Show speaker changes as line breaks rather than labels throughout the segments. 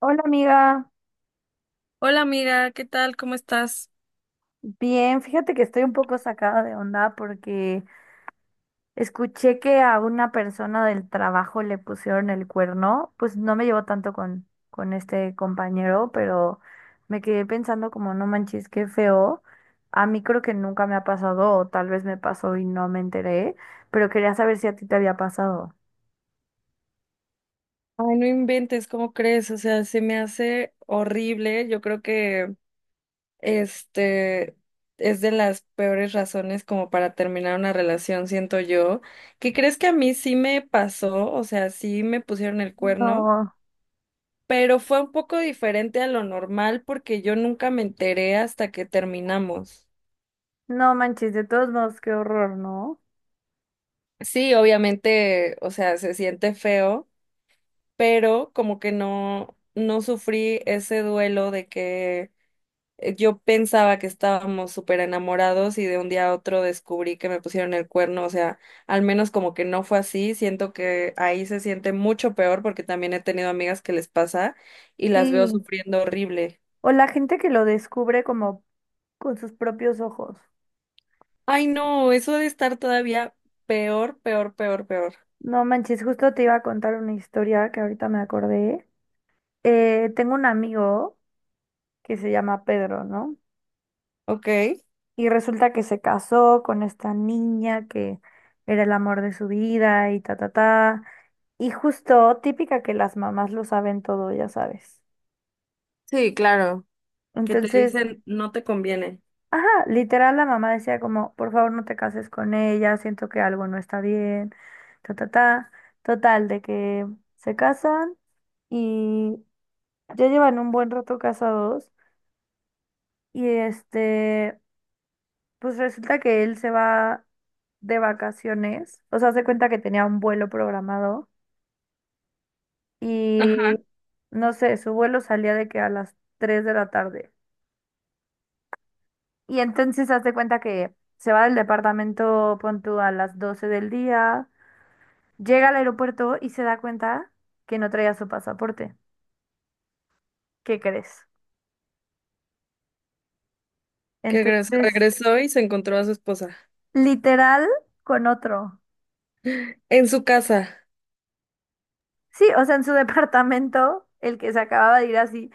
Hola amiga,
Hola amiga, ¿qué tal? ¿Cómo estás?
bien, fíjate que estoy un poco sacada de onda porque escuché que a una persona del trabajo le pusieron el cuerno, pues no me llevo tanto con este compañero, pero me quedé pensando como no manches, qué feo. A mí creo que nunca me ha pasado, o tal vez me pasó y no me enteré, pero quería saber si a ti te había pasado.
Ay, no inventes, ¿cómo crees? O sea, se me hace horrible. Yo creo que este es de las peores razones como para terminar una relación, siento yo. ¿Qué crees que a mí sí me pasó? O sea, sí me pusieron el cuerno,
No,
pero fue un poco diferente a lo normal porque yo nunca me enteré hasta que terminamos.
no manches, de todos modos, qué horror, ¿no?
Sí, obviamente, o sea, se siente feo, pero como que no, no sufrí ese duelo de que yo pensaba que estábamos súper enamorados y de un día a otro descubrí que me pusieron el cuerno. O sea, al menos como que no fue así, siento que ahí se siente mucho peor porque también he tenido amigas que les pasa y las veo
Sí.
sufriendo horrible.
O la gente que lo descubre como con sus propios ojos.
Ay, no, eso de estar todavía peor, peor, peor, peor.
No manches, justo te iba a contar una historia que ahorita me acordé. Tengo un amigo que se llama Pedro, ¿no?
Ok.
Y resulta que se casó con esta niña que era el amor de su vida y ta, ta, ta. Y justo, típica que las mamás lo saben todo, ya sabes.
Sí, claro, que te
Entonces,
dicen no te conviene.
ajá, literal la mamá decía como, por favor no te cases con ella, siento que algo no está bien, ta, ta, ta. Total, de que se casan. Y ya llevan un buen rato casados y este, pues resulta que él se va de vacaciones, o sea, hace cuenta que tenía un vuelo programado
Ajá.
y no sé, su vuelo salía de que a las 3 de la tarde. Y entonces hace cuenta que se va del departamento, pon tú, a las 12 del día, llega al aeropuerto y se da cuenta que no traía su pasaporte. ¿Qué crees?
Que regresó
Entonces,
regresó y se encontró a su esposa.
literal con otro.
En su casa.
Sí, o sea, en su departamento, el que se acababa de ir así,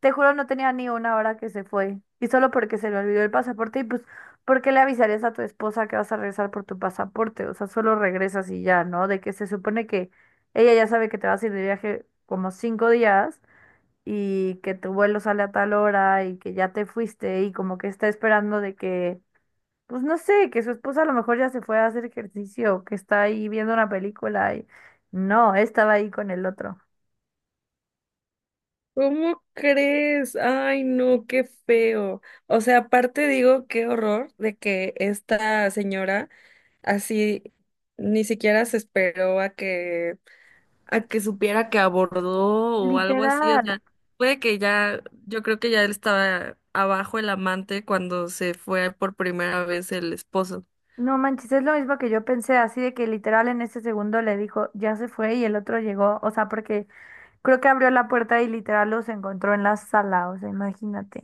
te juro, no tenía ni una hora que se fue. Y solo porque se le olvidó el pasaporte, y pues, ¿por qué le avisarías a tu esposa que vas a regresar por tu pasaporte? O sea, solo regresas y ya, ¿no? De que se supone que ella ya sabe que te vas a ir de viaje como 5 días y que tu vuelo sale a tal hora y que ya te fuiste y como que está esperando de que, pues no sé, que su esposa a lo mejor ya se fue a hacer ejercicio, que está ahí viendo una película y no, estaba ahí con el otro.
¿Cómo crees? Ay, no, qué feo. O sea, aparte digo, qué horror de que esta señora así ni siquiera se esperó a que supiera que abordó o algo así. O
Literal,
sea, puede que ya, yo creo que ya él estaba abajo el amante cuando se fue por primera vez el esposo.
no manches, es lo mismo que yo pensé, así de que literal en ese segundo le dijo, ya se fue y el otro llegó, o sea, porque creo que abrió la puerta y literal los encontró en la sala, o sea, imagínate.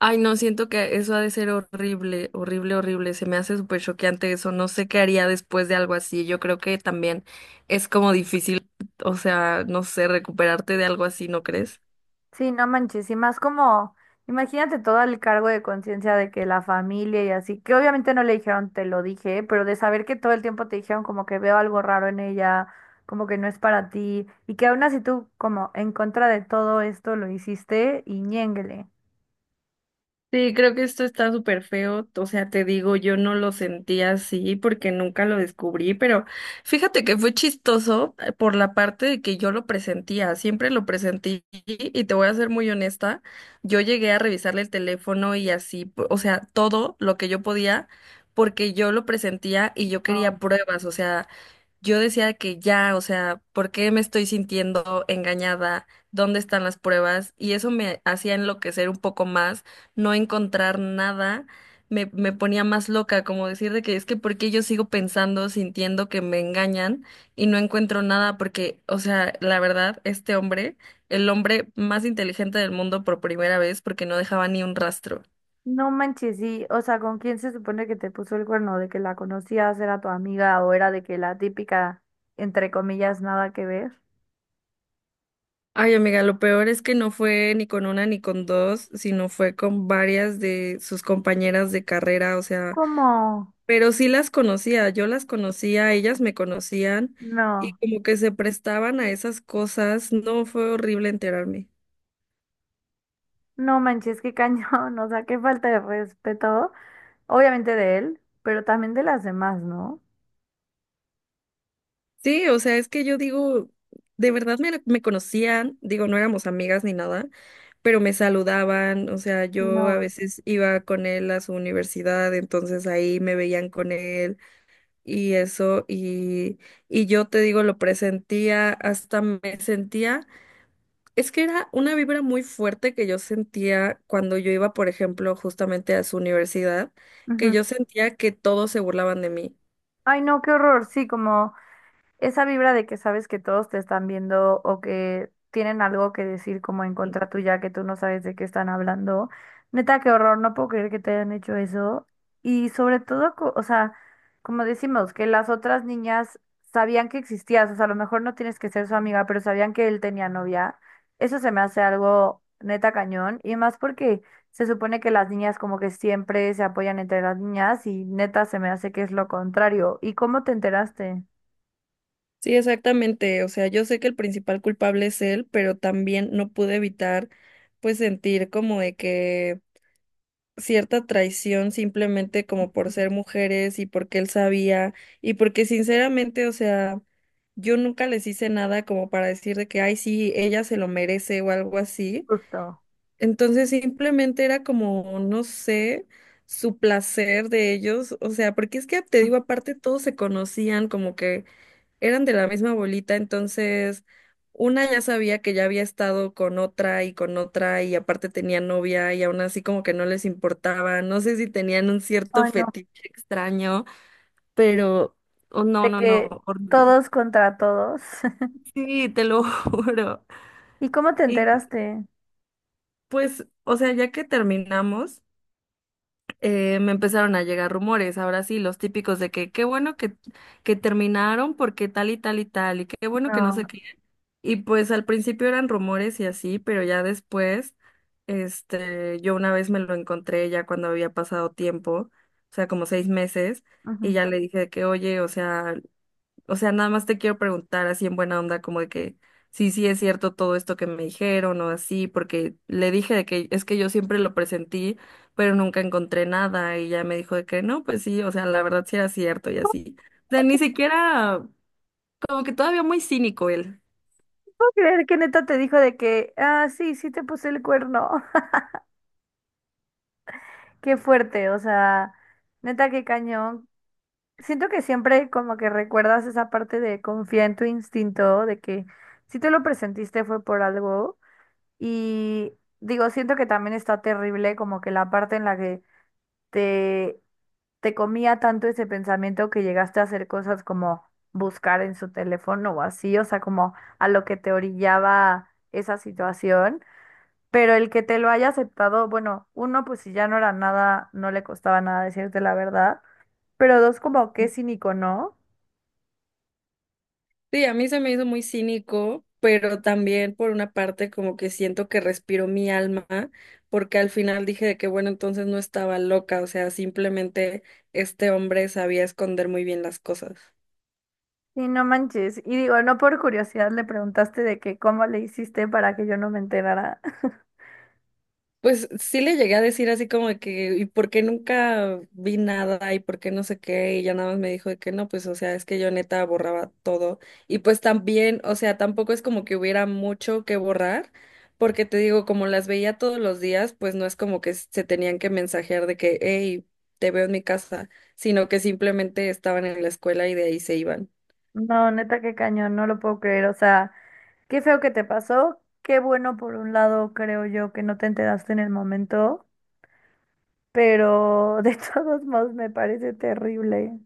Ay, no, siento que eso ha de ser horrible, horrible, horrible. Se me hace súper choqueante eso. No sé qué haría después de algo así. Yo creo que también es como difícil, o sea, no sé, recuperarte de algo así, ¿no crees?
Sí, no manches, y más como, imagínate todo el cargo de conciencia de que la familia y así, que obviamente no le dijeron te lo dije, pero de saber que todo el tiempo te dijeron como que veo algo raro en ella, como que no es para ti, y que aún así tú como en contra de todo esto lo hiciste y ñénguele.
Sí, creo que esto está súper feo. O sea, te digo, yo no lo sentí así porque nunca lo descubrí, pero fíjate que fue chistoso, por la parte de que yo lo presentía, siempre lo presentí y te voy a ser muy honesta, yo llegué a revisarle el teléfono y así, o sea, todo lo que yo podía porque yo lo presentía y yo quería pruebas. O sea, yo decía que ya, o sea, ¿por qué me estoy sintiendo engañada? ¿Dónde están las pruebas? Y eso me hacía enloquecer un poco más, no encontrar nada, me ponía más loca, como decir de que es que ¿por qué yo sigo pensando, sintiendo que me engañan y no encuentro nada? Porque, o sea, la verdad, este hombre, el hombre más inteligente del mundo por primera vez, porque no dejaba ni un rastro.
No manches, sí, o sea, ¿con quién se supone que te puso el cuerno? ¿De que la conocías, era tu amiga o era de que la típica, entre comillas, nada que ver?
Ay, amiga, lo peor es que no fue ni con una ni con dos, sino fue con varias de sus compañeras de carrera. O sea,
¿Cómo?
pero sí las conocía, yo las conocía, ellas me conocían y
No,
como que se prestaban a esas cosas. No fue horrible enterarme.
no manches, qué cañón, o sea, qué falta de respeto, obviamente de él, pero también de las demás, ¿no?
Sí, o sea, es que yo digo, de verdad me conocían, digo, no éramos amigas ni nada, pero me saludaban. O sea, yo a
No.
veces iba con él a su universidad, entonces ahí me veían con él, y eso, y yo te digo, lo presentía, hasta me sentía, es que era una vibra muy fuerte que yo sentía cuando yo iba, por ejemplo, justamente a su universidad, que yo
Ujú.
sentía que todos se burlaban de mí.
Ay, no, qué horror, sí, como... esa vibra de que sabes que todos te están viendo o que tienen algo que decir como en contra tuya que tú no sabes de qué están hablando. Neta, qué horror, no puedo creer que te hayan hecho eso. Y sobre todo, o sea, como decimos, que las otras niñas sabían que existías, o sea, a lo mejor no tienes que ser su amiga, pero sabían que él tenía novia. Eso se me hace algo neta cañón y más porque se supone que las niñas como que siempre se apoyan entre las niñas y neta se me hace que es lo contrario. ¿Y cómo te enteraste?
Sí, exactamente, o sea, yo sé que el principal culpable es él, pero también no pude evitar, pues, sentir como de que cierta traición simplemente como por ser mujeres y porque él sabía y porque sinceramente, o sea, yo nunca les hice nada como para decir de que, ay, sí, ella se lo merece o algo así.
Justo.
Entonces simplemente era como, no sé, su placer de ellos. O sea, porque es que te digo, aparte todos se conocían como que eran de la misma bolita, entonces una ya sabía que ya había estado con otra y aparte tenía novia y aún así como que no les importaba, no sé si tenían un cierto
Ay, no.
fetiche extraño, pero oh, no,
De
no,
que
no, horrible.
todos contra todos.
Sí, te lo juro.
¿Y cómo te
Y
enteraste?
pues, o sea, ya que terminamos, me empezaron a llegar rumores, ahora sí, los típicos de que qué bueno que terminaron porque tal y tal y tal, y qué bueno que no
No.
sé qué. Y pues al principio eran rumores y así, pero ya después, yo una vez me lo encontré ya cuando había pasado tiempo, o sea, como 6 meses, y
Ujú.
ya le dije de que, oye, o sea, nada más te quiero preguntar así en buena onda, como de que sí, sí es cierto todo esto que me dijeron o así, porque le dije de que es que yo siempre lo presentí, pero nunca encontré nada, y ya me dijo de que no, pues sí, o sea, la verdad sí era cierto y así. O sea, ni siquiera, como que todavía muy cínico él.
¿Puedo creer que neta te dijo de que, ah, sí, sí te puse el cuerno? Qué fuerte, o sea, neta, qué cañón. Siento que siempre como que recuerdas esa parte de confiar en tu instinto, de que si te lo presentiste fue por algo. Y digo, siento que también está terrible como que la parte en la que te Te comía tanto ese pensamiento que llegaste a hacer cosas como buscar en su teléfono o así, o sea, como a lo que te orillaba esa situación. Pero el que te lo haya aceptado, bueno, uno, pues si ya no era nada, no le costaba nada decirte la verdad. Pero dos, como qué cínico, ¿no?
Sí, a mí se me hizo muy cínico, pero también por una parte como que siento que respiro mi alma, porque al final dije de que bueno, entonces no estaba loca, o sea, simplemente este hombre sabía esconder muy bien las cosas.
Y no manches. Y digo, no por curiosidad le preguntaste de que cómo le hiciste para que yo no me enterara.
Pues sí le llegué a decir así como de que, ¿y por qué nunca vi nada? ¿Y por qué no sé qué? Y ya nada más me dijo de que no, pues o sea, es que yo neta borraba todo. Y pues también, o sea, tampoco es como que hubiera mucho que borrar, porque te digo, como las veía todos los días, pues no es como que se tenían que mensajear de que, hey, te veo en mi casa, sino que simplemente estaban en la escuela y de ahí se iban.
No, neta, qué cañón, no lo puedo creer. O sea, qué feo que te pasó. Qué bueno por un lado, creo yo, que no te enteraste en el momento, pero de todos modos me parece terrible.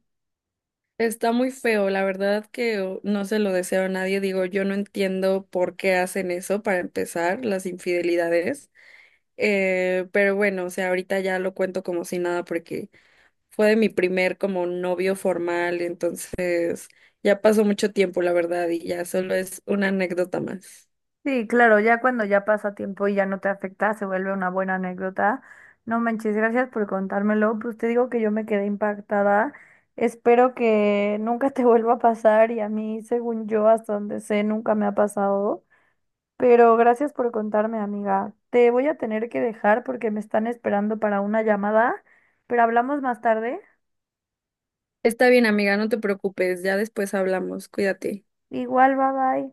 Está muy feo, la verdad que oh, no se lo deseo a nadie. Digo, yo no entiendo por qué hacen eso para empezar, las infidelidades. Pero bueno, o sea, ahorita ya lo cuento como si nada porque fue de mi primer como novio formal, entonces ya pasó mucho tiempo, la verdad, y ya solo es una anécdota más.
Sí, claro, ya cuando ya pasa tiempo y ya no te afecta, se vuelve una buena anécdota. No manches, gracias por contármelo. Pues te digo que yo me quedé impactada. Espero que nunca te vuelva a pasar y a mí, según yo, hasta donde sé, nunca me ha pasado. Pero gracias por contarme, amiga. Te voy a tener que dejar porque me están esperando para una llamada, pero hablamos más tarde.
Está bien, amiga, no te preocupes, ya después hablamos, cuídate.
Igual, bye bye.